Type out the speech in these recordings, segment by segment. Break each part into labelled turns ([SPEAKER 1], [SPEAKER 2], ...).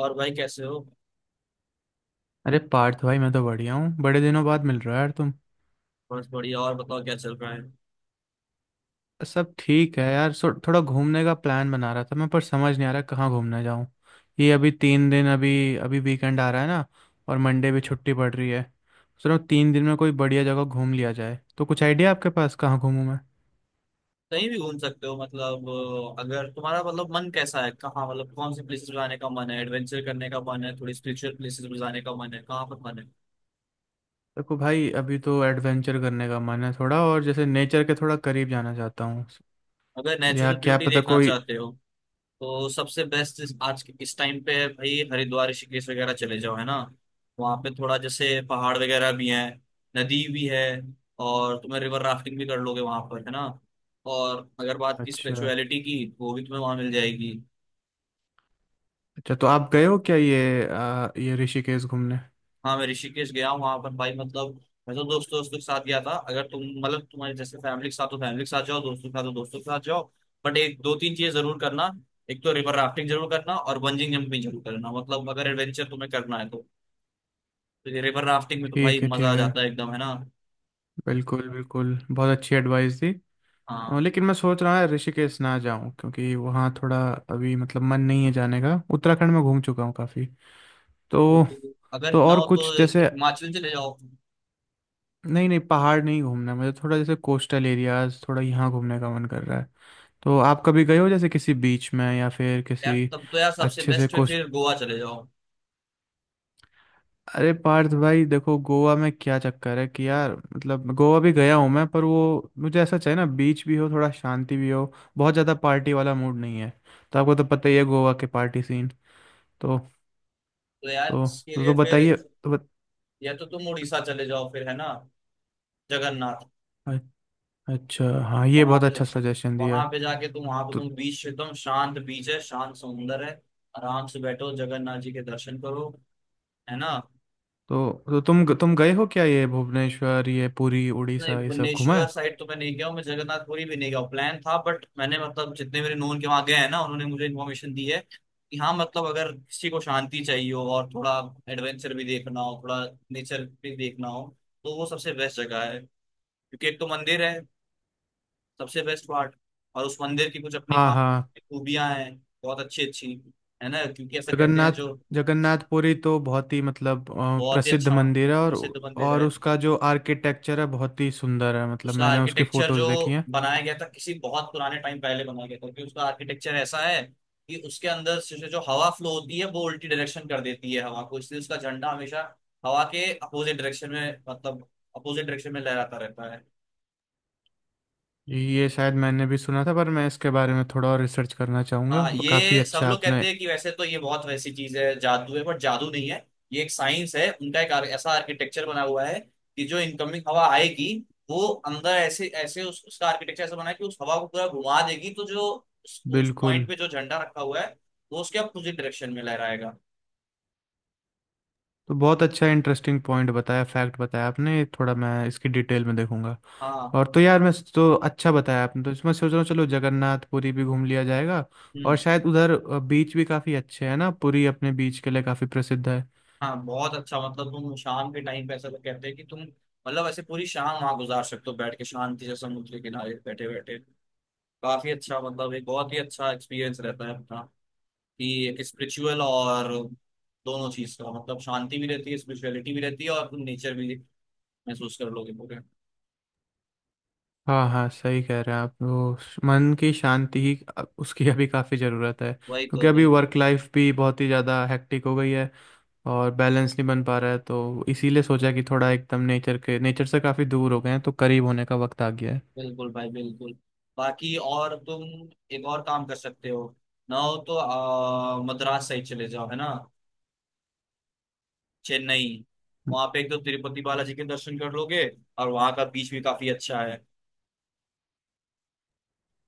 [SPEAKER 1] और भाई कैसे हो।
[SPEAKER 2] अरे पार्थ भाई, मैं तो बढ़िया हूँ। बड़े दिनों बाद मिल रहा है यार तुम।
[SPEAKER 1] बस बढ़िया। और बताओ क्या चल रहा है।
[SPEAKER 2] सब ठीक है यार। सो थोड़ा घूमने का प्लान बना रहा था मैं, पर समझ नहीं आ रहा कहाँ घूमने जाऊँ। ये अभी 3 दिन अभी अभी वीकेंड आ रहा है ना, और मंडे भी छुट्टी पड़ रही है। चलो 3 दिन में कोई बढ़िया जगह घूम लिया जाए, तो कुछ आइडिया आपके पास कहाँ घूमूं मैं।
[SPEAKER 1] कहीं भी घूम सकते हो मतलब। अगर तुम्हारा मतलब मन कैसा है, कहाँ मतलब कौन सी प्लेसेस पे जाने का मन है, एडवेंचर करने का मन है, थोड़ी स्पिरिचुअल प्लेसेस पे जाने का मन है, कहाँ पर मन है।
[SPEAKER 2] देखो भाई, अभी तो एडवेंचर करने का मन है थोड़ा, और जैसे नेचर के थोड़ा करीब जाना चाहता हूँ।
[SPEAKER 1] अगर
[SPEAKER 2] या
[SPEAKER 1] नेचुरल
[SPEAKER 2] क्या
[SPEAKER 1] ब्यूटी
[SPEAKER 2] पता
[SPEAKER 1] देखना
[SPEAKER 2] कोई।
[SPEAKER 1] चाहते हो तो सबसे बेस्ट आज के इस टाइम पे है भाई, हरिद्वार ऋषिकेश वगैरह चले जाओ, है ना। वहाँ पे थोड़ा जैसे पहाड़ वगैरह भी है, नदी भी है, और तुम्हें रिवर राफ्टिंग भी कर लोगे वहाँ पर, है ना। और अगर बात की
[SPEAKER 2] अच्छा।
[SPEAKER 1] स्पिरिचुअलिटी की, वो भी तुम्हें वहाँ मिल जाएगी।
[SPEAKER 2] अच्छा, तो आप गए हो क्या ये ये ऋषिकेश घूमने।
[SPEAKER 1] हाँ, मैं ऋषिकेश गया हूँ। वहां पर भाई मतलब मैं तो दोस्तों दोस्तों के साथ गया था। अगर तुम मतलब तुम्हारे जैसे फैमिली के साथ तो फैमिली के साथ जाओ, दोस्तों के साथ तो दोस्तों के साथ जाओ। बट एक दो तीन चीजें जरूर करना। एक तो रिवर राफ्टिंग जरूर करना और बंजिंग जंपिंग जरूर करना, मतलब अगर एडवेंचर तुम्हें करना है तो ये रिवर राफ्टिंग में तो भाई
[SPEAKER 2] ठीक है,
[SPEAKER 1] मजा आ
[SPEAKER 2] ठीक है।
[SPEAKER 1] जाता है एकदम, है ना।
[SPEAKER 2] बिल्कुल बिल्कुल, बहुत अच्छी एडवाइस दी।
[SPEAKER 1] हाँ।
[SPEAKER 2] लेकिन मैं सोच रहा है ऋषिकेश ना जाऊं क्योंकि वहाँ थोड़ा अभी मतलब मन नहीं है जाने का। उत्तराखंड में घूम चुका हूँ काफ़ी,
[SPEAKER 1] तो
[SPEAKER 2] तो।
[SPEAKER 1] अगर ना
[SPEAKER 2] और
[SPEAKER 1] हो तो
[SPEAKER 2] कुछ जैसे,
[SPEAKER 1] हिमाचल चले जाओ।
[SPEAKER 2] नहीं नहीं, पहाड़ नहीं घूमना मुझे। थोड़ा जैसे कोस्टल एरियाज थोड़ा यहाँ घूमने का मन कर रहा है। तो आप कभी गए हो जैसे किसी बीच में या फिर
[SPEAKER 1] यार
[SPEAKER 2] किसी।
[SPEAKER 1] तब तो यार सबसे
[SPEAKER 2] अच्छे से।
[SPEAKER 1] बेस्ट है फिर गोवा चले जाओ।
[SPEAKER 2] अरे पार्थ भाई, देखो गोवा में क्या चक्कर है कि यार मतलब गोवा भी गया हूँ मैं, पर वो मुझे ऐसा चाहिए ना, बीच भी हो, थोड़ा शांति भी हो। बहुत ज़्यादा पार्टी वाला मूड नहीं है। तो आपको तो पता ही है गोवा के पार्टी सीन। तो
[SPEAKER 1] तो यार
[SPEAKER 2] तो
[SPEAKER 1] इसके
[SPEAKER 2] तो,
[SPEAKER 1] लिए
[SPEAKER 2] तो
[SPEAKER 1] फिर
[SPEAKER 2] बताइए तो बत,
[SPEAKER 1] या तो तुम उड़ीसा चले जाओ, फिर है ना। जगन्नाथ।
[SPEAKER 2] अ- अच्छा हाँ, ये
[SPEAKER 1] वहां
[SPEAKER 2] बहुत
[SPEAKER 1] पे जा
[SPEAKER 2] अच्छा सजेशन दिया।
[SPEAKER 1] वहां पे जाके तुम वहां पे
[SPEAKER 2] तो
[SPEAKER 1] तुम बीच, एकदम शांत बीच है, शांत समुंदर है। आराम से बैठो, जगन्नाथ जी के दर्शन करो, है ना।
[SPEAKER 2] तुम गए हो क्या ये भुवनेश्वर, ये पुरी,
[SPEAKER 1] नहीं,
[SPEAKER 2] उड़ीसा ये सब घुमा
[SPEAKER 1] भुवनेश्वर
[SPEAKER 2] है।
[SPEAKER 1] साइड तो मैं नहीं गया हूँ, मैं जगन्नाथपुरी भी नहीं गया हूँ, प्लान था, बट मैंने मतलब जितने मेरे नोन के वहां गए हैं ना, उन्होंने मुझे इन्फॉर्मेशन दी है कि हाँ मतलब अगर किसी को शांति चाहिए हो और थोड़ा एडवेंचर भी देखना हो, थोड़ा नेचर भी देखना हो तो वो सबसे बेस्ट जगह है। क्योंकि एक तो मंदिर है, सबसे बेस्ट पार्ट, और उस मंदिर की कुछ अपनी
[SPEAKER 2] हाँ
[SPEAKER 1] खास
[SPEAKER 2] हाँ।
[SPEAKER 1] खूबियां हैं, बहुत अच्छी अच्छी है ना, क्योंकि ऐसा कहते हैं
[SPEAKER 2] जगन्नाथ।
[SPEAKER 1] जो
[SPEAKER 2] जगन्नाथपुरी तो बहुत ही मतलब
[SPEAKER 1] बहुत ही
[SPEAKER 2] प्रसिद्ध
[SPEAKER 1] अच्छा
[SPEAKER 2] मंदिर है।
[SPEAKER 1] प्रसिद्ध मंदिर
[SPEAKER 2] और
[SPEAKER 1] है।
[SPEAKER 2] उसका जो आर्किटेक्चर है बहुत ही सुंदर है, मतलब
[SPEAKER 1] उसका
[SPEAKER 2] मैंने उसकी
[SPEAKER 1] आर्किटेक्चर
[SPEAKER 2] फोटोज
[SPEAKER 1] जो
[SPEAKER 2] देखी हैं।
[SPEAKER 1] बनाया गया था किसी बहुत पुराने टाइम पहले बनाया गया था, क्योंकि उसका आर्किटेक्चर ऐसा है कि उसके अंदर से जो हवा फ्लो होती है वो उल्टी डायरेक्शन कर देती है हवा को, इसलिए उसका झंडा हमेशा हवा के अपोजिट डायरेक्शन में, मतलब अपोजिट डायरेक्शन में लहराता रहता है।
[SPEAKER 2] ये शायद मैंने भी सुना था, पर मैं इसके बारे में थोड़ा और रिसर्च करना चाहूँगा।
[SPEAKER 1] हाँ,
[SPEAKER 2] काफ़ी
[SPEAKER 1] ये सब
[SPEAKER 2] अच्छा
[SPEAKER 1] लोग
[SPEAKER 2] आपने।
[SPEAKER 1] कहते हैं कि वैसे तो ये बहुत वैसी चीज है, जादू है, बट जादू नहीं है, ये एक साइंस है। उनका एक ऐसा आर्किटेक्चर बना हुआ है कि जो इनकमिंग हवा आएगी वो अंदर ऐसे ऐसे उसका आर्किटेक्चर ऐसा बना है कि उस हवा को पूरा घुमा देगी, तो जो उस
[SPEAKER 2] बिल्कुल।
[SPEAKER 1] पॉइंट पे जो झंडा रखा हुआ है वो उसके अपोजिट डायरेक्शन में लहराएगा।
[SPEAKER 2] तो बहुत अच्छा इंटरेस्टिंग पॉइंट बताया, फैक्ट बताया आपने। ये थोड़ा मैं इसकी डिटेल में देखूंगा।
[SPEAKER 1] हाँ।
[SPEAKER 2] और तो यार मैं तो, अच्छा बताया आपने, तो इसमें सोच रहा हूँ चलो जगन्नाथपुरी भी घूम लिया जाएगा। और
[SPEAKER 1] हम्म।
[SPEAKER 2] शायद उधर बीच भी काफ़ी अच्छे हैं ना, पुरी अपने बीच के लिए काफ़ी प्रसिद्ध है।
[SPEAKER 1] हाँ, बहुत अच्छा, मतलब तुम शाम के टाइम पे, ऐसा लोग कहते हैं कि तुम मतलब ऐसे पूरी शाम वहां गुजार सकते हो, बैठ के शांति से समुद्र के किनारे बैठे बैठे। काफी अच्छा मतलब एक बहुत ही अच्छा एक्सपीरियंस रहता है अपना, कि स्पिरिचुअल और दोनों चीज का मतलब, शांति भी रहती है, स्पिरिचुअलिटी भी रहती है, और तुम नेचर भी महसूस कर लोगे पूरे।
[SPEAKER 2] हाँ हाँ, सही कह रहे हैं आप। वो मन की शांति ही उसकी अभी काफ़ी ज़रूरत है,
[SPEAKER 1] वही
[SPEAKER 2] क्योंकि
[SPEAKER 1] तो,
[SPEAKER 2] अभी
[SPEAKER 1] वही तो।
[SPEAKER 2] वर्क लाइफ भी बहुत ही ज़्यादा हेक्टिक हो गई है। और बैलेंस नहीं बन पा रहा है, तो इसीलिए सोचा कि थोड़ा एकदम नेचर के, नेचर से काफ़ी दूर हो गए हैं तो करीब होने का वक्त आ गया है।
[SPEAKER 1] बिल्कुल भाई बिल्कुल। बाकी और तुम एक और काम कर सकते हो, ना हो तो मद्रास साइड चले जाओ, है ना। चेन्नई। वहां पे एक तो तिरुपति बालाजी के दर्शन कर लोगे, और वहां का बीच भी काफी अच्छा है।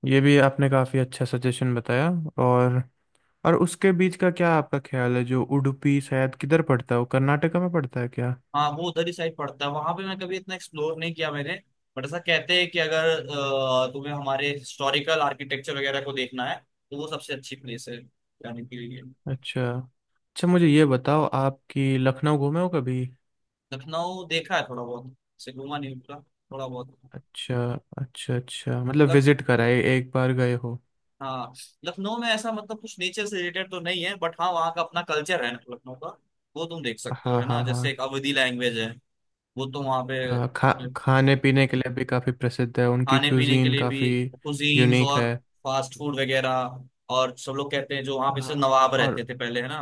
[SPEAKER 2] ये भी आपने काफ़ी अच्छा सजेशन बताया। और और उसके बीच का क्या आपका ख्याल है, जो उडुपी शायद किधर पड़ता है, वो कर्नाटका में पड़ता है क्या।
[SPEAKER 1] हाँ, वो उधर ही साइड पड़ता है। वहां पे मैं कभी इतना एक्सप्लोर नहीं किया मैंने, बट ऐसा कहते हैं कि अगर तुम्हें हमारे हिस्टोरिकल आर्किटेक्चर वगैरह को देखना है तो वो सबसे अच्छी प्लेस है जाने के लिए।
[SPEAKER 2] अच्छा अच्छा, मुझे ये बताओ आपकी लखनऊ घूमे हो कभी।
[SPEAKER 1] लखनऊ देखा है थोड़ा बहुत, से घूमा नहीं पूरा, थोड़ा बहुत।
[SPEAKER 2] अच्छा। अच्छा अच्छा, मतलब
[SPEAKER 1] लख
[SPEAKER 2] विजिट कराए एक बार गए हो।
[SPEAKER 1] हाँ, लखनऊ में ऐसा मतलब कुछ नेचर से रिलेटेड तो नहीं है, बट हाँ वहाँ का अपना कल्चर है ना लखनऊ का, वो तुम देख सकते हो,
[SPEAKER 2] हाँ
[SPEAKER 1] है ना।
[SPEAKER 2] हाँ
[SPEAKER 1] जैसे
[SPEAKER 2] हाँ।
[SPEAKER 1] एक अवधी लैंग्वेज है, वो तो वहाँ
[SPEAKER 2] अ, खा
[SPEAKER 1] पे।
[SPEAKER 2] खाने पीने के लिए भी काफ़ी प्रसिद्ध है। उनकी
[SPEAKER 1] खाने पीने के
[SPEAKER 2] क्यूजीन
[SPEAKER 1] लिए भी
[SPEAKER 2] काफ़ी
[SPEAKER 1] कुजीन्स
[SPEAKER 2] यूनिक
[SPEAKER 1] और
[SPEAKER 2] है।
[SPEAKER 1] फास्ट फूड वगैरह। और सब लोग कहते हैं जो वहाँ पे से
[SPEAKER 2] हाँ।
[SPEAKER 1] नवाब रहते
[SPEAKER 2] और
[SPEAKER 1] थे पहले, है ना।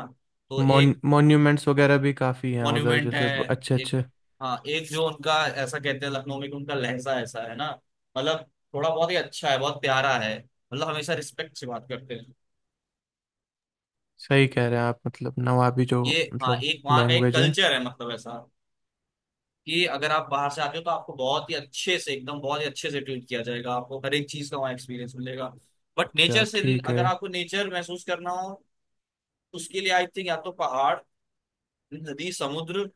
[SPEAKER 1] तो एक
[SPEAKER 2] मॉन्यूमेंट्स वगैरह भी काफ़ी हैं उधर
[SPEAKER 1] मॉन्यूमेंट है।
[SPEAKER 2] जैसे अच्छे
[SPEAKER 1] एक,
[SPEAKER 2] अच्छे।
[SPEAKER 1] हाँ, एक जो उनका, ऐसा कहते हैं लखनऊ में कि उनका लहजा ऐसा है ना, मतलब थोड़ा बहुत ही अच्छा है, बहुत प्यारा है, मतलब हमेशा रिस्पेक्ट से बात करते हैं।
[SPEAKER 2] सही कह रहे हैं आप, मतलब नवाबी जो
[SPEAKER 1] ये हाँ
[SPEAKER 2] मतलब
[SPEAKER 1] एक वहाँ का एक
[SPEAKER 2] लैंग्वेज है।
[SPEAKER 1] कल्चर है मतलब ऐसा कि अगर आप बाहर से आते हो तो आपको बहुत ही अच्छे से, एकदम बहुत ही अच्छे से ट्रीट किया जाएगा, आपको हर एक चीज का वहाँ एक्सपीरियंस मिलेगा। बट
[SPEAKER 2] अच्छा,
[SPEAKER 1] नेचर से,
[SPEAKER 2] ठीक है।
[SPEAKER 1] अगर आपको नेचर महसूस करना हो उसके लिए आई थिंक या तो पहाड़, नदी, समुद्र,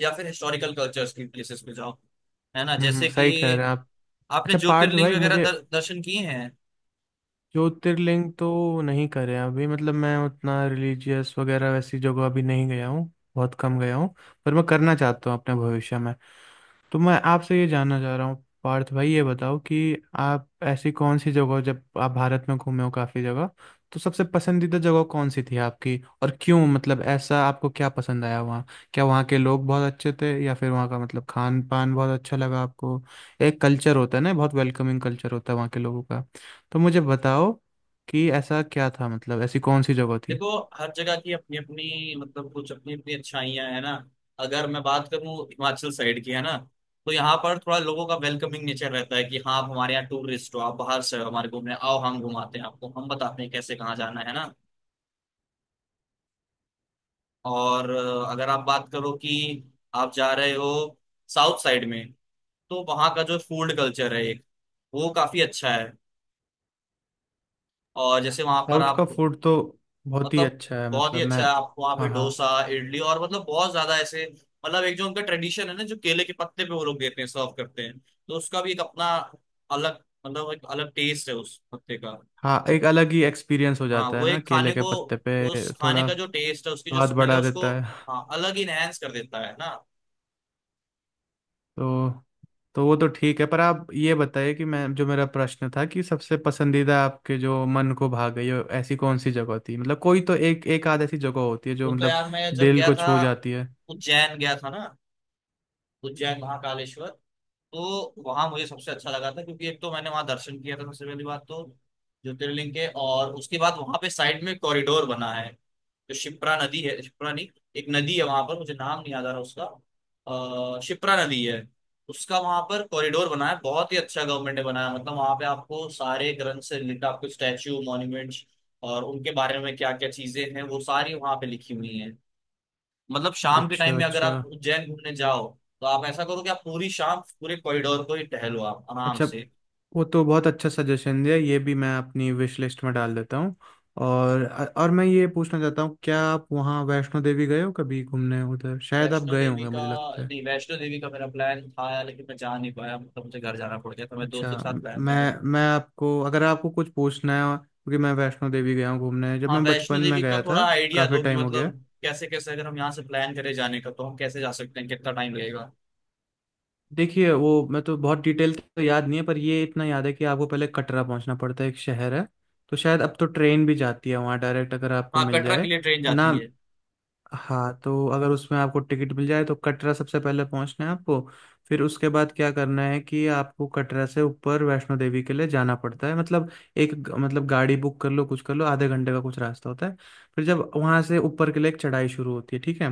[SPEAKER 1] या फिर हिस्टोरिकल कल्चर्स की प्लेसेस पे जाओ, है ना। जैसे
[SPEAKER 2] सही कह रहे
[SPEAKER 1] कि
[SPEAKER 2] हैं आप।
[SPEAKER 1] आपने
[SPEAKER 2] अच्छा पार्थ
[SPEAKER 1] ज्योतिर्लिंग
[SPEAKER 2] भाई,
[SPEAKER 1] वगैरह
[SPEAKER 2] मुझे
[SPEAKER 1] दर्शन किए हैं।
[SPEAKER 2] ज्योतिर्लिंग तो नहीं करे अभी, मतलब मैं उतना रिलीजियस वगैरह वैसी जगह अभी नहीं गया हूँ। बहुत कम गया हूँ। पर मैं करना चाहता हूँ अपने भविष्य में। तो मैं आपसे ये जानना चाह रहा हूँ पार्थ भाई, ये बताओ कि आप ऐसी कौन सी जगह, जब आप भारत में घूमे हो काफ़ी जगह, तो सबसे पसंदीदा जगह कौन सी थी आपकी और क्यों, मतलब ऐसा आपको क्या पसंद आया वहाँ। क्या वहाँ के लोग बहुत अच्छे थे, या फिर वहाँ का मतलब खान पान बहुत अच्छा लगा आपको। एक कल्चर होता है ना, बहुत वेलकमिंग कल्चर होता है वहाँ के लोगों का। तो मुझे बताओ कि ऐसा क्या था, मतलब ऐसी कौन सी जगह थी।
[SPEAKER 1] देखो, हर जगह की अपनी अपनी मतलब कुछ अपनी अपनी अच्छाइयां है ना। अगर मैं बात करूं हिमाचल साइड की, है ना, तो यहाँ पर थोड़ा लोगों का वेलकमिंग नेचर रहता है, कि हाँ आप हमारे यहाँ टूरिस्ट हो, आप बाहर से हो, हमारे घूमने आओ, हम घुमाते हैं आपको, हम बताते हैं कैसे कहाँ जाना, है ना। और अगर आप बात करो कि आप जा रहे हो साउथ साइड में, तो वहाँ का जो फूड कल्चर है एक, वो काफी अच्छा है। और जैसे वहाँ पर
[SPEAKER 2] साउथ का
[SPEAKER 1] आप
[SPEAKER 2] फूड तो बहुत ही
[SPEAKER 1] मतलब
[SPEAKER 2] अच्छा है,
[SPEAKER 1] बहुत ही
[SPEAKER 2] मतलब
[SPEAKER 1] अच्छा
[SPEAKER 2] मैं।
[SPEAKER 1] है। आप वहाँ पे
[SPEAKER 2] हाँ हाँ
[SPEAKER 1] डोसा, इडली और मतलब बहुत ज्यादा ऐसे, मतलब एक जो उनका ट्रेडिशन है ना, जो केले के पत्ते पे वो लोग देते हैं सर्व करते हैं, तो उसका भी एक अपना अलग, मतलब एक अलग टेस्ट है उस पत्ते का।
[SPEAKER 2] हाँ। एक अलग ही एक्सपीरियंस हो
[SPEAKER 1] हाँ,
[SPEAKER 2] जाता है
[SPEAKER 1] वो
[SPEAKER 2] ना
[SPEAKER 1] एक
[SPEAKER 2] केले
[SPEAKER 1] खाने
[SPEAKER 2] के
[SPEAKER 1] को,
[SPEAKER 2] पत्ते
[SPEAKER 1] उस
[SPEAKER 2] पे
[SPEAKER 1] खाने
[SPEAKER 2] थोड़ा।
[SPEAKER 1] का जो टेस्ट है, उसकी जो
[SPEAKER 2] स्वाद
[SPEAKER 1] स्मेल है
[SPEAKER 2] बढ़ा
[SPEAKER 1] उसको
[SPEAKER 2] देता है।
[SPEAKER 1] हाँ, अलग ही इनहेंस कर देता है ना।
[SPEAKER 2] तो वो तो ठीक है, पर आप ये बताइए कि, मैं जो मेरा प्रश्न था कि सबसे पसंदीदा आपके जो मन को भा गई हो ऐसी कौन सी जगह थी, मतलब कोई तो एक, एक आध ऐसी जगह होती है जो
[SPEAKER 1] वो तो
[SPEAKER 2] मतलब
[SPEAKER 1] यार मैं जब
[SPEAKER 2] दिल
[SPEAKER 1] गया
[SPEAKER 2] को
[SPEAKER 1] था,
[SPEAKER 2] छू जाती है।
[SPEAKER 1] उज्जैन गया था ना, उज्जैन महाकालेश्वर, तो वहां मुझे सबसे अच्छा लगा था, क्योंकि एक तो मैंने वहां दर्शन किया था सबसे पहली बात तो ज्योतिर्लिंग के, और उसके बाद वहां पे साइड में कॉरिडोर बना है, जो शिप्रा नदी है, शिप्रा नहीं, एक नदी है वहां पर, मुझे नाम नहीं याद आ रहा उसका। अः शिप्रा नदी है। उसका वहां पर कॉरिडोर बना है बहुत ही अच्छा, गवर्नमेंट ने बनाया, मतलब वहां पे आपको सारे ग्रंथ से रिलेटेड आपको स्टैच्यू मॉन्यूमेंट्स और उनके बारे में क्या क्या चीजें हैं वो सारी वहां पे लिखी हुई हैं। मतलब शाम के
[SPEAKER 2] अच्छा।
[SPEAKER 1] टाइम में अगर
[SPEAKER 2] अच्छा
[SPEAKER 1] आप उज्जैन घूमने जाओ, तो आप ऐसा करो कि आप पूरी शाम पूरे कॉरिडोर को ही टहलो आप आराम
[SPEAKER 2] अच्छा।
[SPEAKER 1] से।
[SPEAKER 2] वो तो बहुत अच्छा सजेशन दिया, ये भी मैं अपनी विश लिस्ट में डाल देता हूँ। और और मैं ये पूछना चाहता हूँ, क्या आप वहाँ वैष्णो देवी गए हो कभी घूमने, उधर शायद आप
[SPEAKER 1] वैष्णो
[SPEAKER 2] गए
[SPEAKER 1] देवी
[SPEAKER 2] होंगे
[SPEAKER 1] का,
[SPEAKER 2] मुझे लगता है।
[SPEAKER 1] नहीं वैष्णो देवी का मेरा प्लान था यार, लेकिन मैं जा नहीं पाया, मतलब मुझे घर जाना पड़ गया, तो मैं
[SPEAKER 2] अच्छा।
[SPEAKER 1] दोस्तों के साथ
[SPEAKER 2] म-
[SPEAKER 1] प्लान था
[SPEAKER 2] मैं
[SPEAKER 1] मेरा।
[SPEAKER 2] मैं आपको, अगर आपको कुछ पूछना है, क्योंकि मैं वैष्णो देवी गया हूँ घूमने, जब
[SPEAKER 1] हाँ,
[SPEAKER 2] मैं बचपन
[SPEAKER 1] वैष्णो
[SPEAKER 2] में
[SPEAKER 1] देवी का
[SPEAKER 2] गया
[SPEAKER 1] थोड़ा
[SPEAKER 2] था।
[SPEAKER 1] आइडिया
[SPEAKER 2] काफ़ी
[SPEAKER 1] दो कि
[SPEAKER 2] टाइम हो गया।
[SPEAKER 1] मतलब कैसे कैसे, अगर हम यहाँ से प्लान करें जाने का तो हम कैसे जा सकते हैं, कितना टाइम लगेगा।
[SPEAKER 2] देखिए वो मैं तो बहुत डिटेल तो याद नहीं है, पर ये इतना याद है कि आपको पहले कटरा पहुंचना पड़ता है, एक शहर है। तो शायद अब तो ट्रेन भी जाती है वहाँ डायरेक्ट, अगर आपको
[SPEAKER 1] हाँ,
[SPEAKER 2] मिल
[SPEAKER 1] कटरा के
[SPEAKER 2] जाए
[SPEAKER 1] लिए ट्रेन
[SPEAKER 2] ना।
[SPEAKER 1] जाती है।
[SPEAKER 2] हाँ, तो अगर उसमें आपको टिकट मिल जाए तो कटरा सबसे पहले पहुंचना है आपको। फिर उसके बाद क्या करना है कि आपको कटरा से ऊपर वैष्णो देवी के लिए जाना पड़ता है, मतलब मतलब गाड़ी बुक कर लो, कुछ कर लो, आधे घंटे का कुछ रास्ता होता है। फिर जब वहां से ऊपर के लिए एक चढ़ाई शुरू होती है, ठीक है।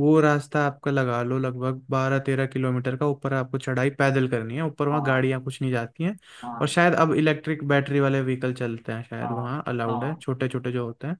[SPEAKER 2] वो रास्ता आपका लगा लो लगभग 12-13 किलोमीटर का, ऊपर आपको चढ़ाई पैदल करनी है। ऊपर वहाँ
[SPEAKER 1] हाँ।
[SPEAKER 2] गाड़ियाँ कुछ नहीं जाती हैं। और
[SPEAKER 1] हाँ।
[SPEAKER 2] शायद अब इलेक्ट्रिक बैटरी वाले व्हीकल चलते हैं शायद
[SPEAKER 1] हाँ।
[SPEAKER 2] वहाँ, अलाउड है
[SPEAKER 1] हाँ।
[SPEAKER 2] छोटे छोटे जो होते हैं।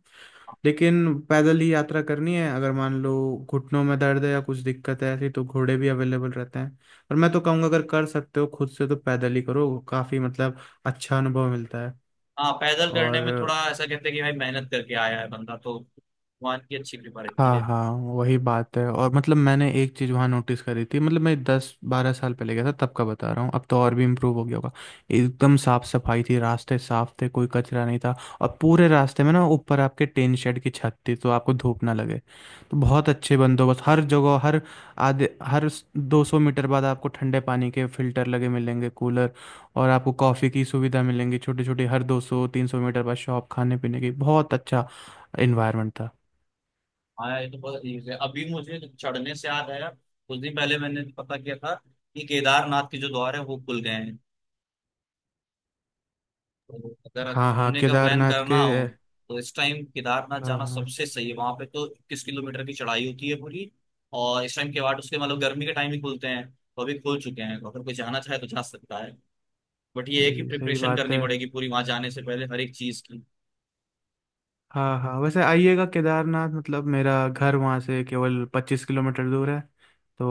[SPEAKER 2] लेकिन पैदल ही यात्रा करनी है। अगर मान लो घुटनों में दर्द है या कुछ दिक्कत है ऐसी, तो घोड़े भी अवेलेबल रहते हैं। और मैं तो कहूँगा अगर कर सकते हो खुद से तो पैदल ही करो, काफ़ी मतलब अच्छा अनुभव मिलता है।
[SPEAKER 1] हाँ, पैदल करने में थोड़ा
[SPEAKER 2] और
[SPEAKER 1] ऐसा कहते हैं कि भाई मेहनत करके आया है बंदा तो भगवान की अच्छी कृपा रहती
[SPEAKER 2] हाँ
[SPEAKER 1] है।
[SPEAKER 2] हाँ, वही बात है। और मतलब मैंने एक चीज़ वहाँ नोटिस करी थी, मतलब मैं 10-12 साल पहले गया था तब का बता रहा हूँ, अब तो और भी इम्प्रूव हो गया होगा। एकदम साफ सफाई थी, रास्ते साफ थे, कोई कचरा नहीं था। और पूरे रास्ते में ना ऊपर आपके टेन शेड की छत थी तो आपको धूप ना लगे। तो बहुत अच्छे बंदोबस्त हर जगह। हर 200 मीटर बाद आपको ठंडे पानी के फिल्टर लगे मिलेंगे, कूलर। और आपको कॉफ़ी की सुविधा मिलेंगी छोटी छोटी, हर 200-300 मीटर बाद शॉप खाने पीने की। बहुत अच्छा इन्वायरमेंट था।
[SPEAKER 1] हाँ, ये तो बहुत easy है। अभी मुझे चढ़ने से याद आया कुछ दिन पहले मैंने पता किया था कि केदारनाथ के जो द्वार है वो खुल गए हैं। तो अगर
[SPEAKER 2] हाँ हाँ,
[SPEAKER 1] घूमने का प्लान
[SPEAKER 2] केदारनाथ के।
[SPEAKER 1] करना हो तो इस टाइम केदारनाथ
[SPEAKER 2] हाँ
[SPEAKER 1] जाना
[SPEAKER 2] हाँ,
[SPEAKER 1] सबसे सही है। वहां पे तो 21 किलोमीटर की चढ़ाई होती है पूरी। और इस टाइम के बाद उसके, मतलब गर्मी के टाइम ही खुलते हैं तो अभी खुल चुके हैं, तो अगर कोई जाना चाहे तो जा सकता है, बट ये है कि
[SPEAKER 2] ये सही
[SPEAKER 1] प्रिपरेशन
[SPEAKER 2] बात
[SPEAKER 1] करनी
[SPEAKER 2] है।
[SPEAKER 1] पड़ेगी पूरी वहां जाने से पहले हर एक चीज की।
[SPEAKER 2] हाँ हाँ, वैसे आइएगा केदारनाथ, मतलब मेरा घर वहाँ से केवल 25 किलोमीटर दूर है,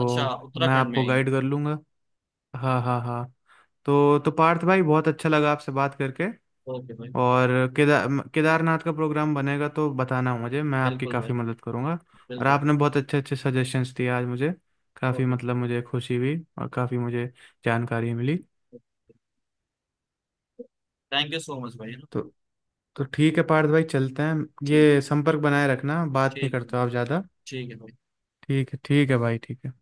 [SPEAKER 1] अच्छा,
[SPEAKER 2] मैं
[SPEAKER 1] उत्तराखंड में
[SPEAKER 2] आपको
[SPEAKER 1] ही।
[SPEAKER 2] गाइड कर लूँगा। हाँ हाँ हाँ। तो पार्थ भाई, बहुत अच्छा लगा आपसे बात करके।
[SPEAKER 1] ओके भाई।
[SPEAKER 2] और केदार केदारनाथ का प्रोग्राम बनेगा तो बताना मुझे, मैं आपकी
[SPEAKER 1] बिल्कुल
[SPEAKER 2] काफ़ी
[SPEAKER 1] भाई,
[SPEAKER 2] मदद करूँगा। और
[SPEAKER 1] बिल्कुल
[SPEAKER 2] आपने
[SPEAKER 1] भाई।
[SPEAKER 2] बहुत अच्छे अच्छे सजेशंस दिए आज मुझे, काफ़ी मतलब मुझे खुशी हुई और काफ़ी मुझे जानकारी मिली।
[SPEAKER 1] Okay. Thank you so much भाई, है ना।
[SPEAKER 2] तो तो ठीक है पार्थ भाई, चलते हैं।
[SPEAKER 1] ठीक है।
[SPEAKER 2] ये संपर्क बनाए रखना, बात नहीं
[SPEAKER 1] ठीक है।
[SPEAKER 2] करते हो आप ज़्यादा।
[SPEAKER 1] ठीक है भाई।
[SPEAKER 2] ठीक है, ठीक है भाई, ठीक है।